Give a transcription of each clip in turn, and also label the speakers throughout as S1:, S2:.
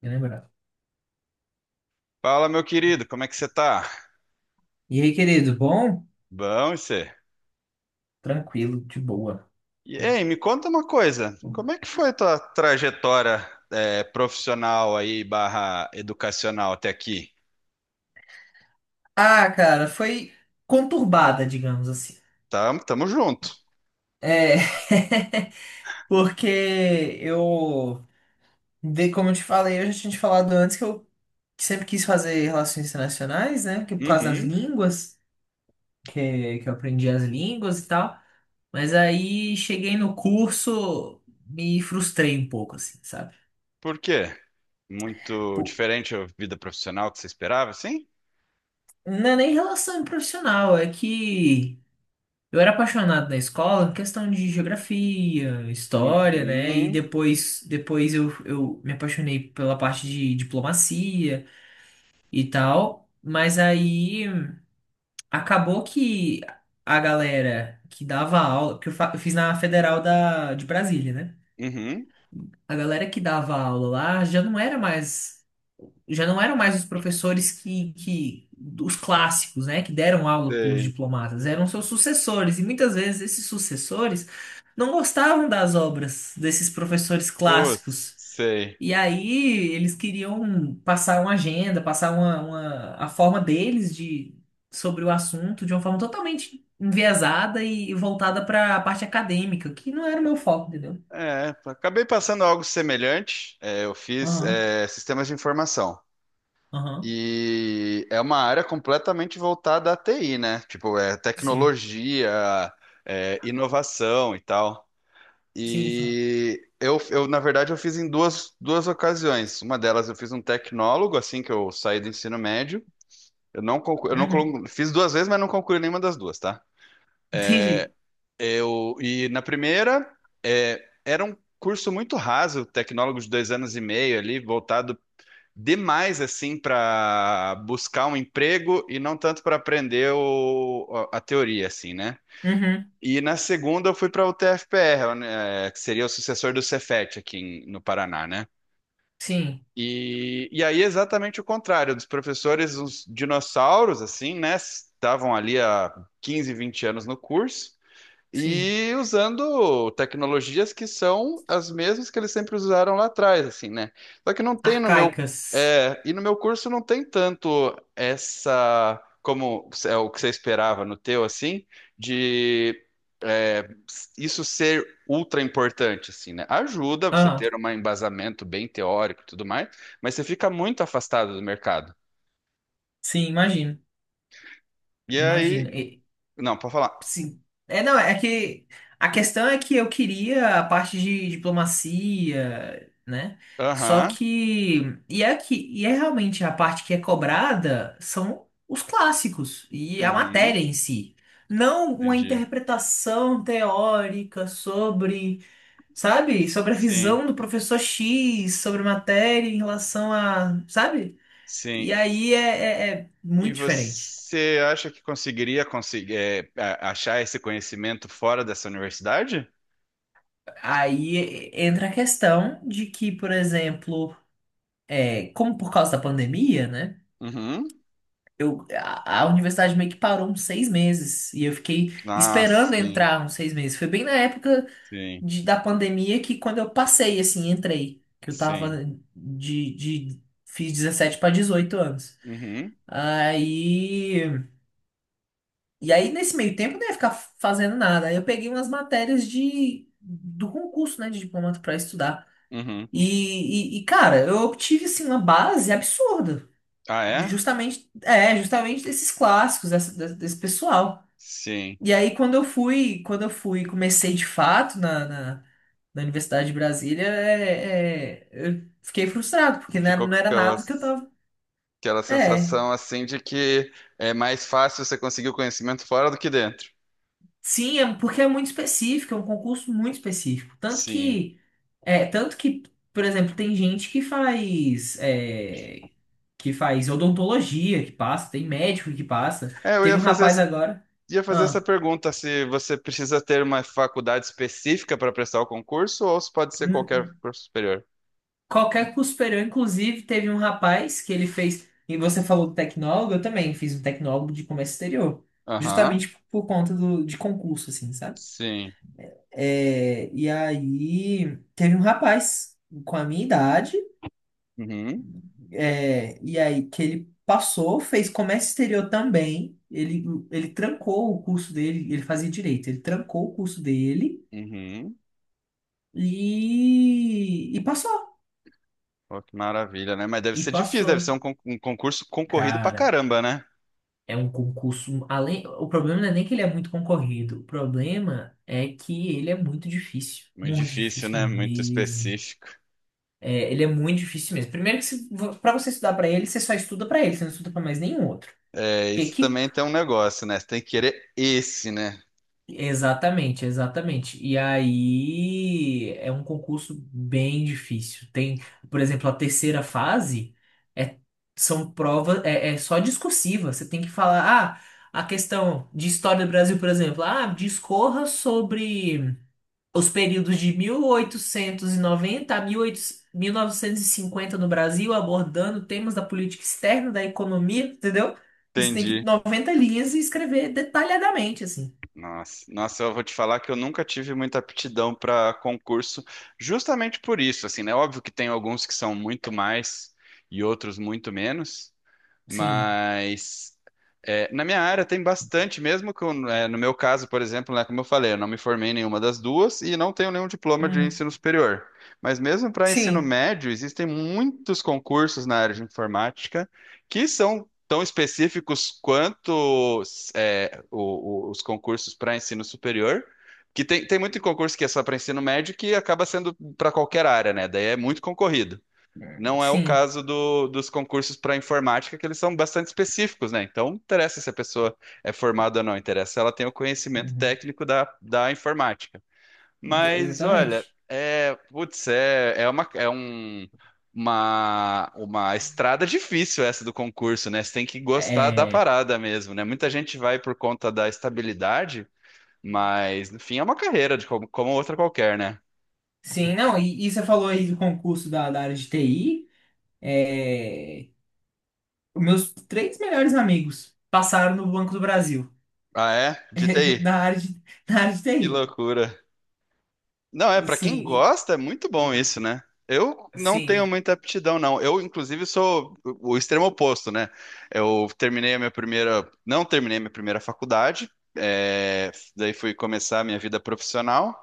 S1: Me lembrar.
S2: Fala, meu querido, como é que você tá?
S1: E aí, querido, bom?
S2: Bom, e você?
S1: Tranquilo, de boa.
S2: E ei, me conta uma coisa, como é que foi tua trajetória profissional aí, barra educacional até aqui?
S1: Ah, cara, foi conturbada, digamos assim.
S2: Tamo, tamo junto.
S1: É, porque eu, como eu te falei, eu já tinha te falado antes que eu sempre quis fazer relações internacionais, né? Que por causa das
S2: Uhum.
S1: línguas, que eu aprendi as línguas e tal. Mas aí cheguei no curso, me frustrei um pouco, assim, sabe?
S2: Por quê? Muito
S1: Pô,
S2: diferente a vida profissional que você esperava, assim?
S1: não é nem relação profissional, é que. Eu era apaixonado na escola, questão de geografia, história, né? E
S2: Uhum.
S1: depois, depois eu me apaixonei pela parte de diplomacia e tal. Mas aí acabou que a galera que dava aula, eu fiz na Federal da, de Brasília, né?
S2: Uhum.
S1: A galera que dava aula lá já não era mais. Já não eram mais os professores que, os clássicos, né, que deram aula para os
S2: Sei.
S1: diplomatas, eram seus sucessores, e muitas vezes esses sucessores não gostavam das obras desses professores
S2: Putz,
S1: clássicos.
S2: sei.
S1: E aí eles queriam passar uma agenda, passar a forma deles de sobre o assunto de uma forma totalmente enviesada e voltada para a parte acadêmica, que não era o meu foco, entendeu?
S2: É, acabei passando algo semelhante. É, eu fiz
S1: Aham,
S2: sistemas de informação.
S1: aham,
S2: E é uma área completamente voltada à TI, né? Tipo, é
S1: sim,
S2: tecnologia, é inovação e tal.
S1: sim, sim.
S2: E eu, na verdade, eu fiz em duas ocasiões. Uma delas eu fiz um tecnólogo, assim que eu saí do ensino médio. Eu não
S1: Uhum,
S2: conclu- Fiz duas vezes, mas não concluí nenhuma das duas, tá? É,
S1: entendi.
S2: E na primeira, era um curso muito raso, tecnólogo de 2 anos e meio ali, voltado demais assim para buscar um emprego e não tanto para aprender a teoria assim, né?
S1: Uhum,
S2: E na segunda eu fui para o TFPR, né, que seria o sucessor do Cefet aqui no Paraná, né?
S1: sim.
S2: E aí exatamente o contrário, dos professores, uns dinossauros assim, né? Estavam ali há 15 20 anos no curso.
S1: Sim.
S2: E usando tecnologias que são as mesmas que eles sempre usaram lá atrás, assim, né? Só que não tem no meu,
S1: Arcaicas.
S2: e no meu curso não tem tanto essa, como é o que você esperava no teu, assim, de é, isso ser ultra importante, assim, né? Ajuda você
S1: Aham.
S2: ter um embasamento bem teórico e tudo mais, mas você fica muito afastado do mercado.
S1: Sim, imagino.
S2: E
S1: Imagino.
S2: aí,
S1: E-
S2: não, para falar.
S1: sim. É, não, é que a questão é que eu queria a parte de diplomacia, né? Só
S2: Aham,
S1: que. E é que, e é realmente a parte que é cobrada são os clássicos e a
S2: uhum,
S1: matéria em si. Não uma
S2: entendi.
S1: interpretação teórica sobre, sabe? Sobre a
S2: Sim,
S1: visão do professor X sobre matéria em relação a, sabe? E
S2: sim.
S1: aí é
S2: E
S1: muito diferente.
S2: você acha que conseguiria conseguir, achar esse conhecimento fora dessa universidade?
S1: Aí entra a questão de que, por exemplo, é, como por causa da pandemia, né?
S2: Uhum.
S1: A universidade meio que parou uns seis meses e eu fiquei
S2: Ah,
S1: esperando
S2: sim,
S1: entrar uns seis meses. Foi bem na época
S2: sim,
S1: da pandemia que quando eu passei, assim, entrei. Que eu
S2: sim.
S1: tava fiz 17 para 18 anos.
S2: Uhum,
S1: Aí. E aí, nesse meio tempo, eu não ia ficar fazendo nada. Aí eu peguei umas matérias de, do concurso, né, de diplomata para estudar.
S2: uhum.
S1: Cara, eu obtive, assim, uma base absurda.
S2: Ah, é?
S1: Justamente, é, justamente desses clássicos, desse pessoal.
S2: Sim.
S1: E aí, quando eu fui, comecei de fato na Universidade de Brasília, eu fiquei frustrado, porque não era,
S2: Ficou com
S1: não era
S2: aquela,
S1: nada do que eu tava...
S2: aquela
S1: É,
S2: sensação assim de que é mais fácil você conseguir o conhecimento fora do que dentro.
S1: sim, é, porque é muito específico, é um concurso muito específico. Tanto
S2: Sim.
S1: que, é, tanto que, por exemplo, tem gente que faz, é, que faz odontologia que passa, tem médico que passa.
S2: É, eu ia
S1: Teve um
S2: fazer,
S1: rapaz
S2: as-
S1: agora.
S2: ia fazer essa
S1: Ah,
S2: pergunta, se você precisa ter uma faculdade específica para prestar o concurso ou se pode ser qualquer
S1: n-
S2: curso superior.
S1: qualquer curso superior, inclusive, teve um rapaz que ele fez. E você falou do tecnólogo, eu também fiz um tecnólogo de comércio exterior.
S2: Aham,
S1: Justamente por conta do, de concurso, assim, sabe?
S2: sim.
S1: É, e aí teve um rapaz com a minha idade.
S2: Uhum,
S1: É, e aí que ele passou, fez comércio exterior também. Ele trancou o curso dele, ele fazia direito, ele trancou o curso dele
S2: uhum.
S1: e passou.
S2: Pô, que maravilha, né? Mas deve
S1: E
S2: ser difícil, deve
S1: passou.
S2: ser um concurso concorrido pra
S1: Cara,
S2: caramba, né?
S1: é um concurso. Um, além, o problema não é nem que ele é muito concorrido. O problema é que ele é muito difícil.
S2: Muito
S1: Muito
S2: difícil,
S1: difícil
S2: né? Muito
S1: mesmo.
S2: específico.
S1: É, ele é muito difícil mesmo. Primeiro que se, você estudar para ele, você só estuda para ele, você não estuda para mais nenhum outro.
S2: É, isso
S1: Que
S2: também tem um negócio, né? Você tem que querer esse, né?
S1: Exatamente, exatamente. E aí é um concurso bem difícil. Tem, por exemplo, a terceira fase é são provas é só discursiva. Você tem que falar, ah, a questão de história do Brasil, por exemplo, ah, discorra sobre os períodos de 1890 a 1800 1950 no Brasil, abordando temas da política externa, da economia, entendeu? Isso tem que
S2: Entendi.
S1: 90 linhas e escrever detalhadamente, assim.
S2: Nossa, nossa, eu vou te falar que eu nunca tive muita aptidão para concurso, justamente por isso, assim, né? Óbvio que tem alguns que são muito mais e outros muito menos.
S1: Sim.
S2: Mas na minha área tem bastante, mesmo que no meu caso, por exemplo, né, como eu falei, eu não me formei em nenhuma das duas e não tenho nenhum diploma de
S1: Uhum.
S2: ensino superior. Mas mesmo para ensino
S1: Sim,
S2: médio, existem muitos concursos na área de informática que são tão específicos quanto os concursos para ensino superior. Que tem muito concurso que é só para ensino médio que acaba sendo para qualquer área, né? Daí é muito concorrido. Não é o
S1: sim.
S2: caso dos concursos para informática, que eles são bastante específicos, né? Então, não interessa se a pessoa é formada ou não, interessa se ela tem o conhecimento
S1: Uhum.
S2: técnico da informática. Mas, olha,
S1: Exatamente.
S2: putz, é, é uma, é um, uma estrada difícil essa do concurso, né? Você tem que gostar da
S1: É,
S2: parada mesmo, né? Muita gente vai por conta da estabilidade, mas, no fim, é uma carreira de como outra qualquer, né?
S1: sim, não, e você falou aí do concurso da, da área de TI. É, os meus três melhores amigos passaram no Banco do Brasil,
S2: Ah, é? De TI.
S1: da área de, da área de
S2: Que
S1: TI.
S2: loucura. Não, pra quem
S1: Sim, e-
S2: gosta, é muito bom isso, né? Eu não tenho
S1: sim.
S2: muita aptidão, não. Eu, inclusive, sou o extremo oposto, né? Eu terminei a minha primeira. Não terminei a minha primeira faculdade, daí fui começar a minha vida profissional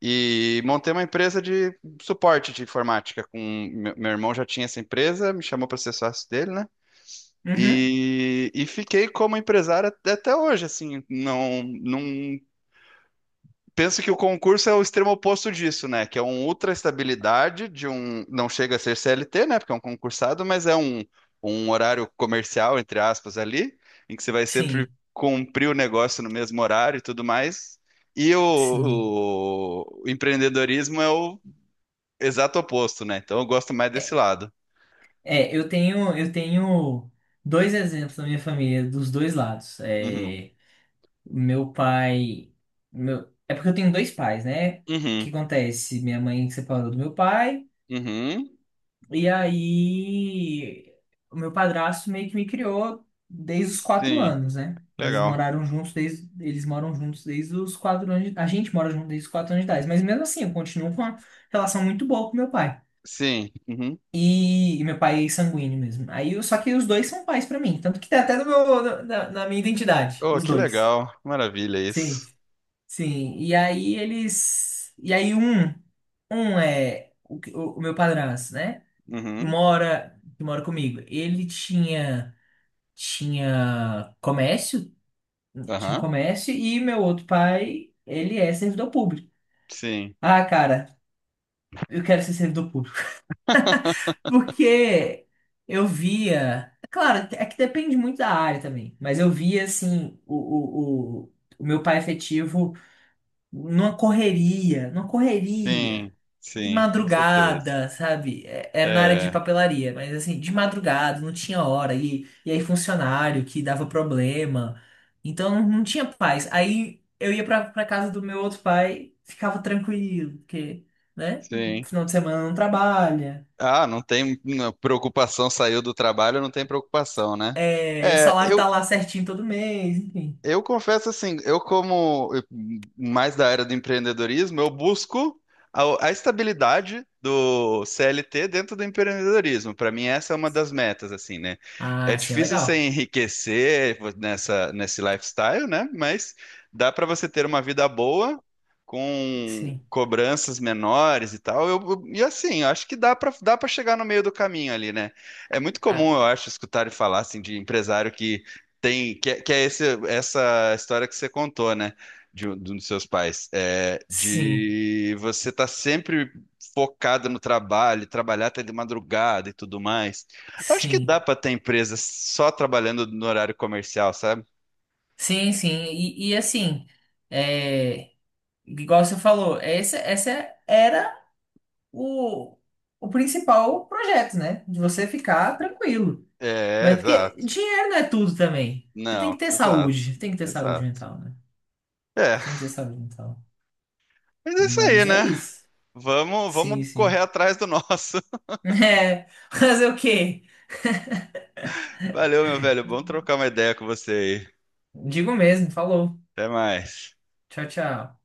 S2: e montei uma empresa de suporte de informática. Meu irmão já tinha essa empresa, me chamou para ser sócio dele, né?
S1: Uhum.
S2: E fiquei como empresário até hoje, assim, não, não. Penso que o concurso é o extremo oposto disso, né? Que é uma ultra estabilidade de um. Não chega a ser CLT, né? Porque é um concursado, mas é um horário comercial, entre aspas, ali, em que você vai sempre
S1: Sim,
S2: cumprir o negócio no mesmo horário e tudo mais. E
S1: sim.
S2: o empreendedorismo é o exato oposto, né? Então eu gosto mais desse lado.
S1: É, eu tenho dois exemplos na minha família, dos dois lados.
S2: Uhum.
S1: É meu pai. Meu... É porque eu tenho dois pais, né? O
S2: Uhum.
S1: que acontece? Minha mãe separou do meu pai,
S2: Uhum.
S1: e aí o meu padrasto meio que me criou desde os quatro
S2: Sim.
S1: anos, né? Eles
S2: Legal.
S1: moraram juntos desde. Eles moram juntos desde os quatro anos. A gente mora junto desde os quatro anos de idade. Mas mesmo assim, eu continuo com uma relação muito boa com meu pai.
S2: Sim. Uhum.
S1: E meu pai é sanguíneo mesmo. Aí, eu- só que os dois são pais pra mim. Tanto que tá até no meu, na, na minha identidade,
S2: Oh,
S1: os
S2: que
S1: dois.
S2: legal. Maravilha
S1: Sim.
S2: isso.
S1: Sim, e aí eles. E aí um é o, o meu padrasto, né?
S2: Uhum.
S1: Mora, que mora comigo. Ele tinha tinha comércio, tinha
S2: Aham.
S1: comércio e meu outro pai, ele é servidor público.
S2: Sim.
S1: Ah, cara, eu quero ser servidor público. Porque eu via, é claro, é que depende muito da área também, mas eu via assim o meu pai efetivo numa correria, numa
S2: Sim,
S1: correria. De
S2: sim, com certeza.
S1: madrugada, sabe? É, é na área de
S2: É,
S1: papelaria, mas assim, de madrugada, não tinha hora. E aí, funcionário que dava problema. Então, não, não tinha paz. Aí, eu ia pra casa do meu outro pai, ficava tranquilo, porque, né?
S2: sim.
S1: Final de semana não trabalha.
S2: Ah, não tem não, preocupação, saiu do trabalho, não tem preocupação, né?
S1: É, o
S2: É,
S1: salário tá
S2: eu,
S1: lá certinho todo mês, enfim.
S2: Eu confesso assim, eu como mais da era do empreendedorismo, eu busco a estabilidade do CLT dentro do empreendedorismo. Para mim, essa é uma das metas, assim, né? É
S1: Ah, sim, é
S2: difícil você
S1: legal.
S2: enriquecer nessa, nesse lifestyle, né? Mas dá para você ter uma vida boa com
S1: Sim.
S2: cobranças menores e tal. E assim, eu acho que dá para chegar no meio do caminho ali, né? É muito comum,
S1: Ah,
S2: eu acho, escutar e falar assim de empresário que tem, que é esse, essa história que você contou, né? De um dos seus pais. É,
S1: sim,
S2: de você estar sempre focado no trabalho, trabalhar até de madrugada e tudo mais. Eu acho que
S1: sim.
S2: dá para ter empresa só trabalhando no horário comercial, sabe?
S1: Sim, sim. E assim, é, igual você falou, essa era. O, o principal projeto, né? De você ficar tranquilo.
S2: É,
S1: Mas porque
S2: exato.
S1: dinheiro não é tudo também. Você tem que
S2: Não,
S1: ter
S2: exato.
S1: saúde, tem que ter saúde
S2: Exato.
S1: mental, né?
S2: É,
S1: Tem que ter saúde mental.
S2: mas é isso aí,
S1: Mas é
S2: né?
S1: isso.
S2: Vamos,
S1: Sim,
S2: vamos correr
S1: sim.
S2: atrás do nosso.
S1: É, fazer o quê?
S2: Valeu, meu velho. Bom trocar uma ideia com você aí.
S1: Digo mesmo, falou.
S2: Até mais.
S1: Tchau, tchau.